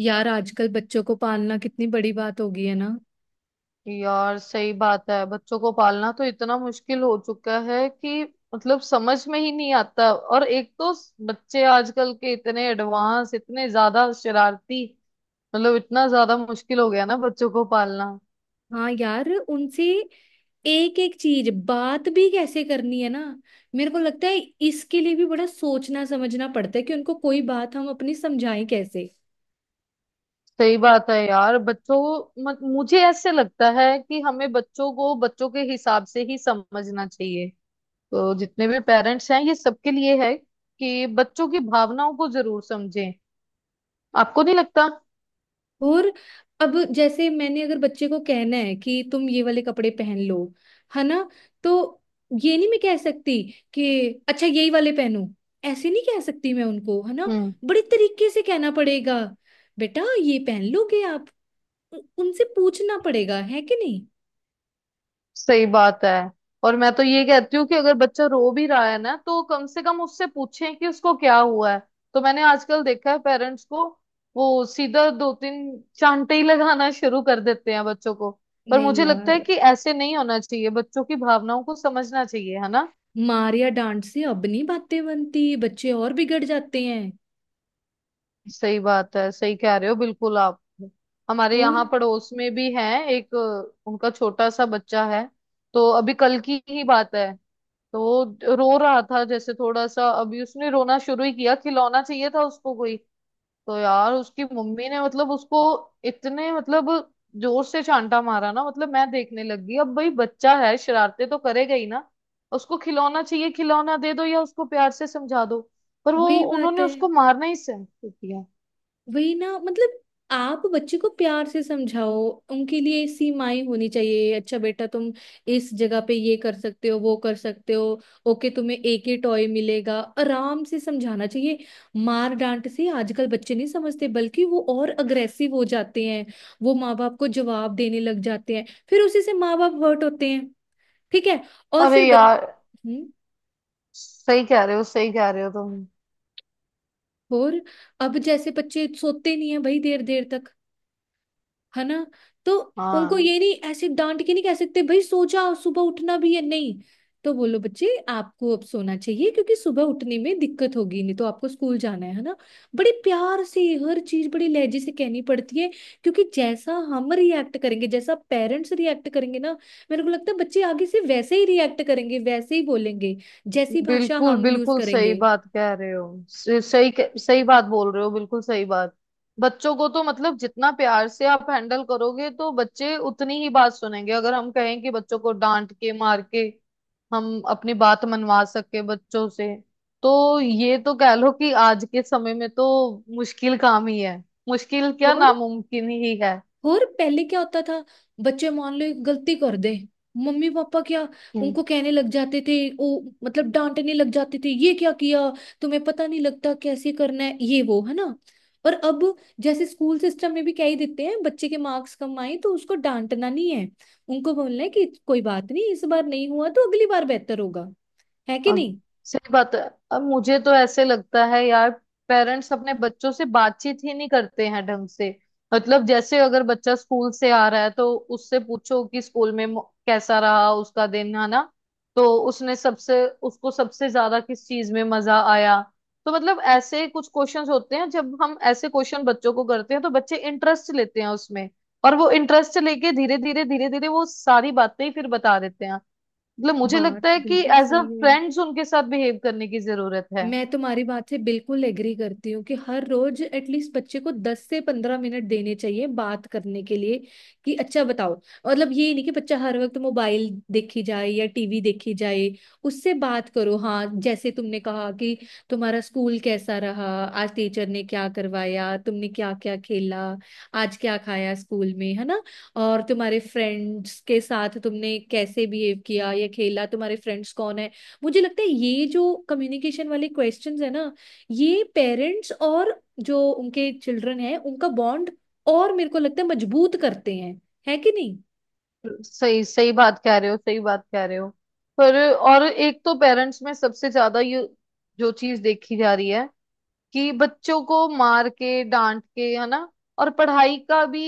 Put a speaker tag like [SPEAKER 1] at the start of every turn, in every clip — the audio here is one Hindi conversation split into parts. [SPEAKER 1] यार आजकल बच्चों को पालना कितनी बड़ी बात हो गई है ना।
[SPEAKER 2] यार सही बात है। बच्चों को पालना तो इतना मुश्किल हो चुका है कि मतलब समझ में ही नहीं आता। और एक तो बच्चे आजकल के इतने एडवांस, इतने ज्यादा शरारती, मतलब इतना ज्यादा मुश्किल हो गया ना बच्चों को पालना।
[SPEAKER 1] हाँ यार उनसे एक एक चीज बात भी कैसे करनी है ना। मेरे को लगता है इसके लिए भी बड़ा सोचना समझना पड़ता है कि उनको कोई बात हम अपनी समझाएं कैसे।
[SPEAKER 2] सही बात है यार। बच्चों को मुझे ऐसे लगता है कि हमें बच्चों को बच्चों के हिसाब से ही समझना चाहिए। तो जितने भी पेरेंट्स हैं ये सबके लिए है कि बच्चों की भावनाओं को जरूर समझें। आपको नहीं लगता?
[SPEAKER 1] और अब जैसे मैंने अगर बच्चे को कहना है कि तुम ये वाले कपड़े पहन लो, है ना। तो ये नहीं मैं कह सकती कि अच्छा यही वाले पहनो। ऐसे नहीं कह सकती मैं उनको, है ना।
[SPEAKER 2] हम्म।
[SPEAKER 1] बड़े तरीके से कहना पड़ेगा, बेटा ये पहन लोगे आप। उनसे पूछना पड़ेगा, है कि नहीं।
[SPEAKER 2] सही बात है। और मैं तो ये कहती हूँ कि अगर बच्चा रो भी रहा है ना तो कम से कम उससे पूछें कि उसको क्या हुआ है। तो मैंने आजकल देखा है पेरेंट्स को, वो सीधा दो तीन चांटे ही लगाना शुरू कर देते हैं बच्चों को। पर
[SPEAKER 1] नहीं
[SPEAKER 2] मुझे लगता है
[SPEAKER 1] यार,
[SPEAKER 2] कि ऐसे नहीं होना चाहिए, बच्चों की भावनाओं को समझना चाहिए है ना।
[SPEAKER 1] मार या डांट से अब नहीं बातें बनती, बच्चे और बिगड़ जाते हैं।
[SPEAKER 2] सही बात है, सही कह रहे हो बिल्कुल आप। हमारे
[SPEAKER 1] और
[SPEAKER 2] यहाँ पड़ोस में भी है, एक उनका छोटा सा बच्चा है। तो अभी कल की ही बात है, तो रो रहा था जैसे थोड़ा सा, अभी उसने रोना शुरू ही किया, खिलौना चाहिए था उसको कोई। तो यार उसकी मम्मी ने मतलब उसको इतने मतलब जोर से चांटा मारा ना, मतलब मैं देखने लग गई। अब भाई बच्चा है, शरारते तो करेगा ही ना। उसको खिलौना चाहिए, खिलौना दे दो या उसको प्यार से समझा दो। पर वो,
[SPEAKER 1] वही बात
[SPEAKER 2] उन्होंने
[SPEAKER 1] है।
[SPEAKER 2] उसको मारना ही सहन किया।
[SPEAKER 1] वही ना, मतलब आप बच्चे को प्यार से समझाओ। उनके लिए सीमाएं होनी चाहिए, अच्छा बेटा तुम इस जगह पे ये कर सकते हो वो कर सकते हो। ओके तुम्हें एक ही टॉय मिलेगा, आराम से समझाना चाहिए। मार डांट से आजकल बच्चे नहीं समझते, बल्कि वो और अग्रेसिव हो जाते हैं। वो माँ बाप को जवाब देने लग जाते हैं, फिर उसी से माँ बाप हर्ट होते हैं। ठीक है। और
[SPEAKER 2] अरे
[SPEAKER 1] फिर बच...
[SPEAKER 2] यार।
[SPEAKER 1] हम्म।
[SPEAKER 2] सही कह रहे हो, सही कह रहे हो तुम।
[SPEAKER 1] और अब जैसे बच्चे सोते नहीं है भाई देर देर तक, है ना। तो उनको
[SPEAKER 2] हाँ,
[SPEAKER 1] ये नहीं ऐसे डांट के नहीं कह सकते भाई सो जाओ, सुबह उठना भी है। नहीं तो बोलो बच्चे आपको अब सोना चाहिए, क्योंकि सुबह उठने में दिक्कत होगी, नहीं तो आपको स्कूल जाना है ना। बड़े प्यार से हर चीज बड़े लहजे से कहनी पड़ती है। क्योंकि जैसा हम रिएक्ट करेंगे, जैसा पेरेंट्स रिएक्ट करेंगे ना, मेरे को लगता है बच्चे आगे से वैसे ही रिएक्ट करेंगे, वैसे ही बोलेंगे, जैसी भाषा
[SPEAKER 2] बिल्कुल
[SPEAKER 1] हम यूज
[SPEAKER 2] बिल्कुल सही
[SPEAKER 1] करेंगे।
[SPEAKER 2] बात कह रहे हो। सही बात बोल रहे हो, बिल्कुल सही बात। बच्चों को तो मतलब जितना प्यार से आप हैंडल करोगे तो बच्चे उतनी ही बात सुनेंगे। अगर हम कहें कि बच्चों को डांट के मार के हम अपनी बात मनवा सके बच्चों से, तो ये तो कह लो कि आज के समय में तो मुश्किल काम ही है, मुश्किल क्या
[SPEAKER 1] और
[SPEAKER 2] नामुमकिन ही है।
[SPEAKER 1] और पहले क्या होता था, बच्चे मान लो एक गलती कर दे, मम्मी पापा क्या
[SPEAKER 2] हम्म।
[SPEAKER 1] उनको कहने लग जाते थे, ओ मतलब डांटने लग जाते थे, ये क्या किया, तुम्हें पता नहीं लगता कैसे करना है ये वो, है ना। और अब जैसे स्कूल सिस्टम में भी कह ही देते हैं, बच्चे के मार्क्स कम आए तो उसको डांटना नहीं है। उनको बोलना है कि कोई बात नहीं, इस बार नहीं हुआ तो अगली बार बेहतर होगा, है कि
[SPEAKER 2] हाँ,
[SPEAKER 1] नहीं।
[SPEAKER 2] सही बात है। अब मुझे तो ऐसे लगता है यार पेरेंट्स अपने बच्चों से बातचीत ही नहीं करते हैं ढंग से। मतलब जैसे अगर बच्चा स्कूल से आ रहा है तो उससे पूछो कि स्कूल में कैसा रहा उसका दिन, है ना। तो उसने सबसे, उसको सबसे ज्यादा किस चीज में मजा आया। तो मतलब ऐसे कुछ क्वेश्चंस होते हैं, जब हम ऐसे क्वेश्चन बच्चों को करते हैं तो बच्चे इंटरेस्ट लेते हैं उसमें। और वो इंटरेस्ट लेके धीरे धीरे धीरे धीरे वो सारी बातें ही फिर बता देते हैं। मतलब मुझे
[SPEAKER 1] बात
[SPEAKER 2] लगता है कि
[SPEAKER 1] बिल्कुल
[SPEAKER 2] एज अ
[SPEAKER 1] सही है।
[SPEAKER 2] फ्रेंड्स उनके साथ बिहेव करने की जरूरत है।
[SPEAKER 1] मैं तुम्हारी बात से बिल्कुल एग्री करती हूँ कि हर रोज एटलीस्ट बच्चे को 10 से 15 मिनट देने चाहिए बात करने के लिए कि अच्छा बताओ। मतलब ये नहीं कि बच्चा हर वक्त मोबाइल देखी जाए या टीवी देखी जाए। उससे बात करो, हाँ जैसे तुमने कहा कि तुम्हारा स्कूल कैसा रहा, आज टीचर ने क्या करवाया, तुमने क्या क्या खेला, आज क्या खाया स्कूल में, है ना। और तुम्हारे फ्रेंड्स के साथ तुमने कैसे बिहेव किया या खेला, तुम्हारे फ्रेंड्स कौन है। मुझे लगता है ये जो कम्युनिकेशन वाले क्वेश्चंस है ना, ये पेरेंट्स और जो उनके चिल्ड्रन है उनका बॉन्ड, और मेरे को लगता है मजबूत करते हैं, है कि नहीं।
[SPEAKER 2] सही, सही बात कह रहे हो, सही बात कह रहे हो। पर और एक तो पेरेंट्स में सबसे ज्यादा ये जो चीज देखी जा रही है, कि बच्चों को मार के डांट के, है ना। और पढ़ाई का भी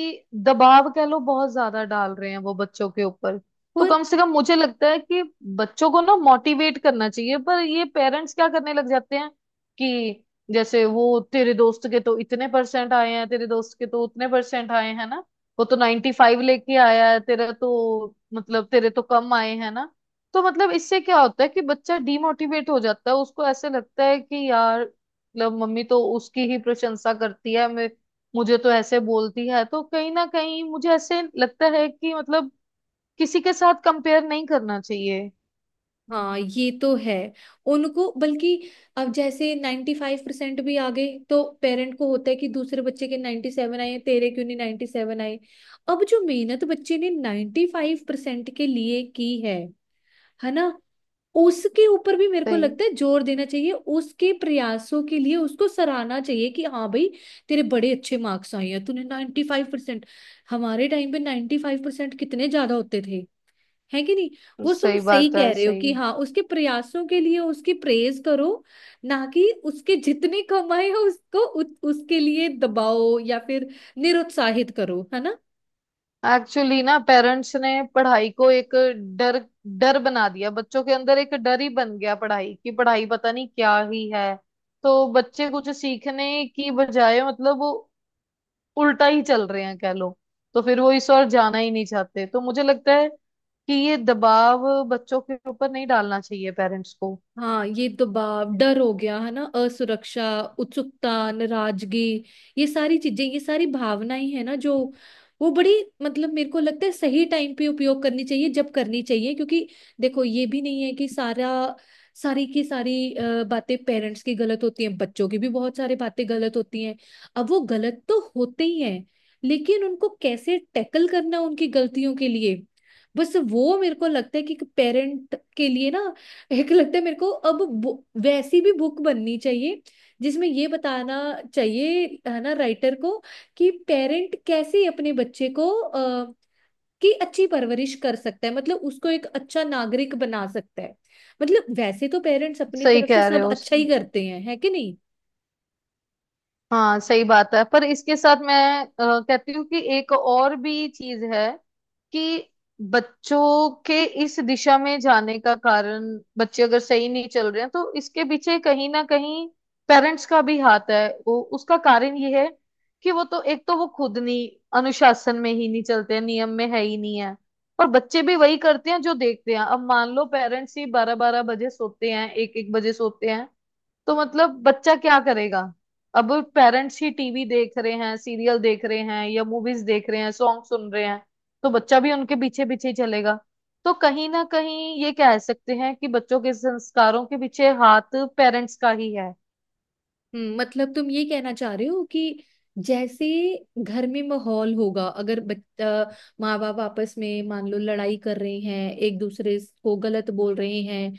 [SPEAKER 2] दबाव कह लो बहुत ज्यादा डाल रहे हैं वो बच्चों के ऊपर। तो
[SPEAKER 1] और
[SPEAKER 2] कम से कम मुझे लगता है कि बच्चों को ना मोटिवेट करना चाहिए, पर ये पेरेंट्स क्या करने लग जाते हैं कि जैसे वो तेरे दोस्त के तो इतने परसेंट आए हैं, तेरे दोस्त के तो उतने परसेंट आए हैं ना, वो तो 95 लेके आया है, तेरा तो मतलब तेरे तो कम आए हैं ना। तो मतलब इससे क्या होता है कि बच्चा डीमोटिवेट हो जाता है, उसको ऐसे लगता है कि यार मतलब मम्मी तो उसकी ही प्रशंसा करती है, मैं मुझे तो ऐसे बोलती है। तो कहीं ना कहीं मुझे ऐसे लगता है कि मतलब किसी के साथ कंपेयर नहीं करना चाहिए।
[SPEAKER 1] हाँ ये तो है। उनको बल्कि अब जैसे 95% भी आ गए तो पेरेंट को होता है कि दूसरे बच्चे के 97 आए हैं, तेरे क्यों नहीं 97 आए। अब जो मेहनत बच्चे ने 95% के लिए की है ना, उसके ऊपर भी मेरे को
[SPEAKER 2] सही,
[SPEAKER 1] लगता है जोर देना चाहिए, उसके प्रयासों के लिए उसको सराहना चाहिए कि हाँ भाई तेरे बड़े अच्छे मार्क्स आए हैं, तूने 95%। हमारे टाइम पे 95% कितने ज्यादा होते थे, है कि नहीं। वो तुम
[SPEAKER 2] सही
[SPEAKER 1] सही
[SPEAKER 2] बात
[SPEAKER 1] कह
[SPEAKER 2] है,
[SPEAKER 1] रहे हो
[SPEAKER 2] सही।
[SPEAKER 1] कि हाँ उसके प्रयासों के लिए उसकी प्रेज करो, ना कि उसके जितने कम आए हैं उसको उसके लिए दबाओ या फिर निरुत्साहित करो, है ना।
[SPEAKER 2] एक्चुअली ना पेरेंट्स ने पढ़ाई को एक डर, डर बना दिया बच्चों के अंदर, एक डर ही बन गया पढ़ाई की। पढ़ाई पता नहीं क्या ही है। तो बच्चे कुछ सीखने की बजाय मतलब उल्टा ही चल रहे हैं कह लो। तो फिर वो इस ओर जाना ही नहीं चाहते। तो मुझे लगता है कि ये दबाव बच्चों के ऊपर नहीं डालना चाहिए पेरेंट्स को।
[SPEAKER 1] हाँ ये दबाव डर हो गया है ना, असुरक्षा, उत्सुकता, नाराजगी, ये सारी चीजें, ये सारी भावनाएं है ना जो, वो बड़ी मतलब मेरे को लगता है सही टाइम पे उपयोग करनी चाहिए जब करनी चाहिए, क्योंकि देखो ये भी नहीं है कि सारा सारी की सारी बातें पेरेंट्स की गलत होती हैं, बच्चों की भी बहुत सारी बातें गलत होती हैं। अब वो गलत तो होते ही हैं, लेकिन उनको कैसे टैकल करना उनकी गलतियों के लिए, बस वो मेरे को लगता है कि पेरेंट के लिए ना, एक लगता है मेरे को अब वैसी भी बुक बननी चाहिए, जिसमें ये बताना चाहिए, है ना, राइटर को कि पेरेंट कैसे अपने बच्चे को की अच्छी परवरिश कर सकता है, मतलब उसको एक अच्छा नागरिक बना सकता है। मतलब वैसे तो पेरेंट्स अपनी
[SPEAKER 2] सही
[SPEAKER 1] तरफ से
[SPEAKER 2] कह रहे
[SPEAKER 1] सब
[SPEAKER 2] हो।
[SPEAKER 1] अच्छा ही करते हैं, है कि नहीं।
[SPEAKER 2] हाँ, सही बात है। पर इसके साथ मैं कहती हूँ कि एक और भी चीज है, कि बच्चों के इस दिशा में जाने का कारण, बच्चे अगर सही नहीं चल रहे हैं तो इसके पीछे कहीं ना कहीं पेरेंट्स का भी हाथ है। वो उसका कारण ये है कि वो तो, एक तो वो खुद नहीं अनुशासन में ही नहीं चलते हैं, नियम में है ही नहीं है। और बच्चे भी वही करते हैं जो देखते हैं। अब मान लो पेरेंट्स ही बारह बारह बजे सोते हैं, एक एक बजे सोते हैं, तो मतलब बच्चा क्या करेगा। अब पेरेंट्स ही टीवी देख रहे हैं, सीरियल देख रहे हैं या मूवीज देख रहे हैं, सॉन्ग सुन रहे हैं, तो बच्चा भी उनके पीछे पीछे ही चलेगा। तो कहीं ना कहीं ये कह सकते हैं कि बच्चों के संस्कारों के पीछे हाथ पेरेंट्स का ही है।
[SPEAKER 1] मतलब तुम ये कहना चाह रहे हो कि जैसे घर में माहौल होगा, अगर बच्चा, माँ बाप आपस में मान लो लड़ाई कर रहे हैं एक दूसरे को गलत बोल रहे हैं,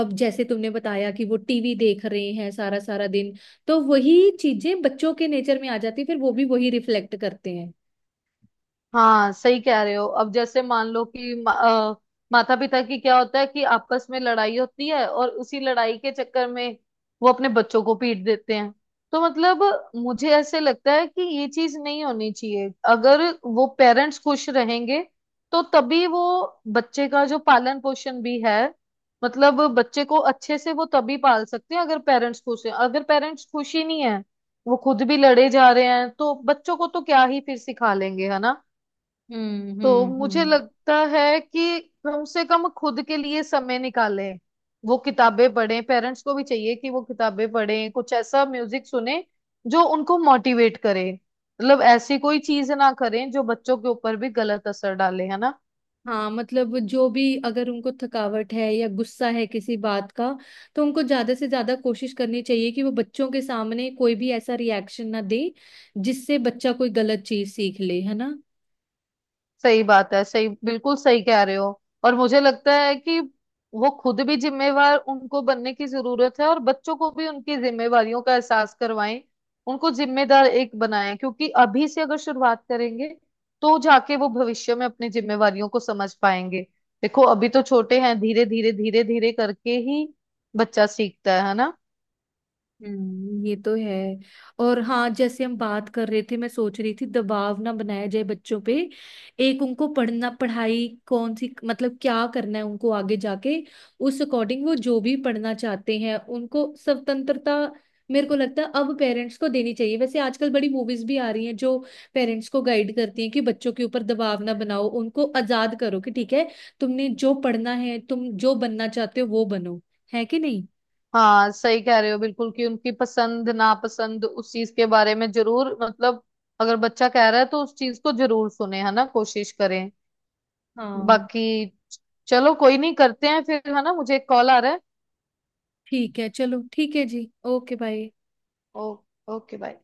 [SPEAKER 1] अब जैसे तुमने बताया कि वो टीवी देख रहे हैं सारा सारा दिन, तो वही चीजें बच्चों के नेचर में आ जाती है, फिर वो भी वही रिफ्लेक्ट करते हैं।
[SPEAKER 2] हाँ, सही कह रहे हो। अब जैसे मान लो कि माता पिता की क्या होता है कि आपस में लड़ाई होती है, और उसी लड़ाई के चक्कर में वो अपने बच्चों को पीट देते हैं। तो मतलब मुझे ऐसे लगता है कि ये चीज नहीं होनी चाहिए। अगर वो पेरेंट्स खुश रहेंगे तो तभी वो बच्चे का जो पालन पोषण भी है, मतलब बच्चे को अच्छे से वो तभी पाल सकते हैं। अगर पेरेंट्स खुश हैं, अगर पेरेंट्स खुश ही नहीं है, वो खुद भी लड़े जा रहे हैं, तो बच्चों को तो क्या ही फिर सिखा लेंगे, है ना। तो मुझे
[SPEAKER 1] हम्म।
[SPEAKER 2] लगता है कि कम से कम खुद के लिए समय निकालें, वो किताबें पढ़ें, पेरेंट्स को भी चाहिए कि वो किताबें पढ़ें, कुछ ऐसा म्यूजिक सुने जो उनको मोटिवेट करे। मतलब ऐसी कोई चीज ना करें जो बच्चों के ऊपर भी गलत असर डाले, है ना।
[SPEAKER 1] हाँ मतलब जो भी अगर उनको थकावट है या गुस्सा है किसी बात का, तो उनको ज्यादा से ज्यादा कोशिश करनी चाहिए कि वो बच्चों के सामने कोई भी ऐसा रिएक्शन ना दे जिससे बच्चा कोई गलत चीज सीख ले, है ना।
[SPEAKER 2] सही बात है, सही, बिल्कुल सही कह रहे हो। और मुझे लगता है कि वो खुद भी जिम्मेवार, उनको बनने की जरूरत है, और बच्चों को भी उनकी जिम्मेवारियों का एहसास करवाएं, उनको जिम्मेदार एक बनाएं। क्योंकि अभी से अगर शुरुआत करेंगे तो जाके वो भविष्य में अपनी जिम्मेवारियों को समझ पाएंगे। देखो अभी तो छोटे हैं, धीरे धीरे धीरे धीरे करके ही बच्चा सीखता है ना।
[SPEAKER 1] ये तो है। और हाँ जैसे हम बात कर रहे थे, मैं सोच रही थी दबाव ना बनाया जाए बच्चों पे, एक उनको पढ़ना, पढ़ाई कौन सी मतलब क्या करना है उनको आगे जाके, उस अकॉर्डिंग वो जो भी पढ़ना चाहते हैं उनको स्वतंत्रता मेरे को लगता है अब पेरेंट्स को देनी चाहिए। वैसे आजकल बड़ी मूवीज भी आ रही हैं जो पेरेंट्स को गाइड करती हैं कि बच्चों के ऊपर दबाव ना बनाओ, उनको आजाद करो कि ठीक है, तुमने जो पढ़ना है, तुम जो बनना चाहते हो वो बनो, है कि नहीं।
[SPEAKER 2] हाँ, सही कह रहे हो बिल्कुल। कि उनकी पसंद नापसंद उस चीज के बारे में जरूर मतलब अगर बच्चा कह रहा है तो उस चीज को जरूर सुने, है ना, कोशिश करें।
[SPEAKER 1] हाँ
[SPEAKER 2] बाकी चलो, कोई नहीं, करते हैं फिर, है ना, मुझे एक कॉल आ रहा है।
[SPEAKER 1] ठीक है, चलो ठीक है जी, ओके बाय।
[SPEAKER 2] ओ, ओके बाय।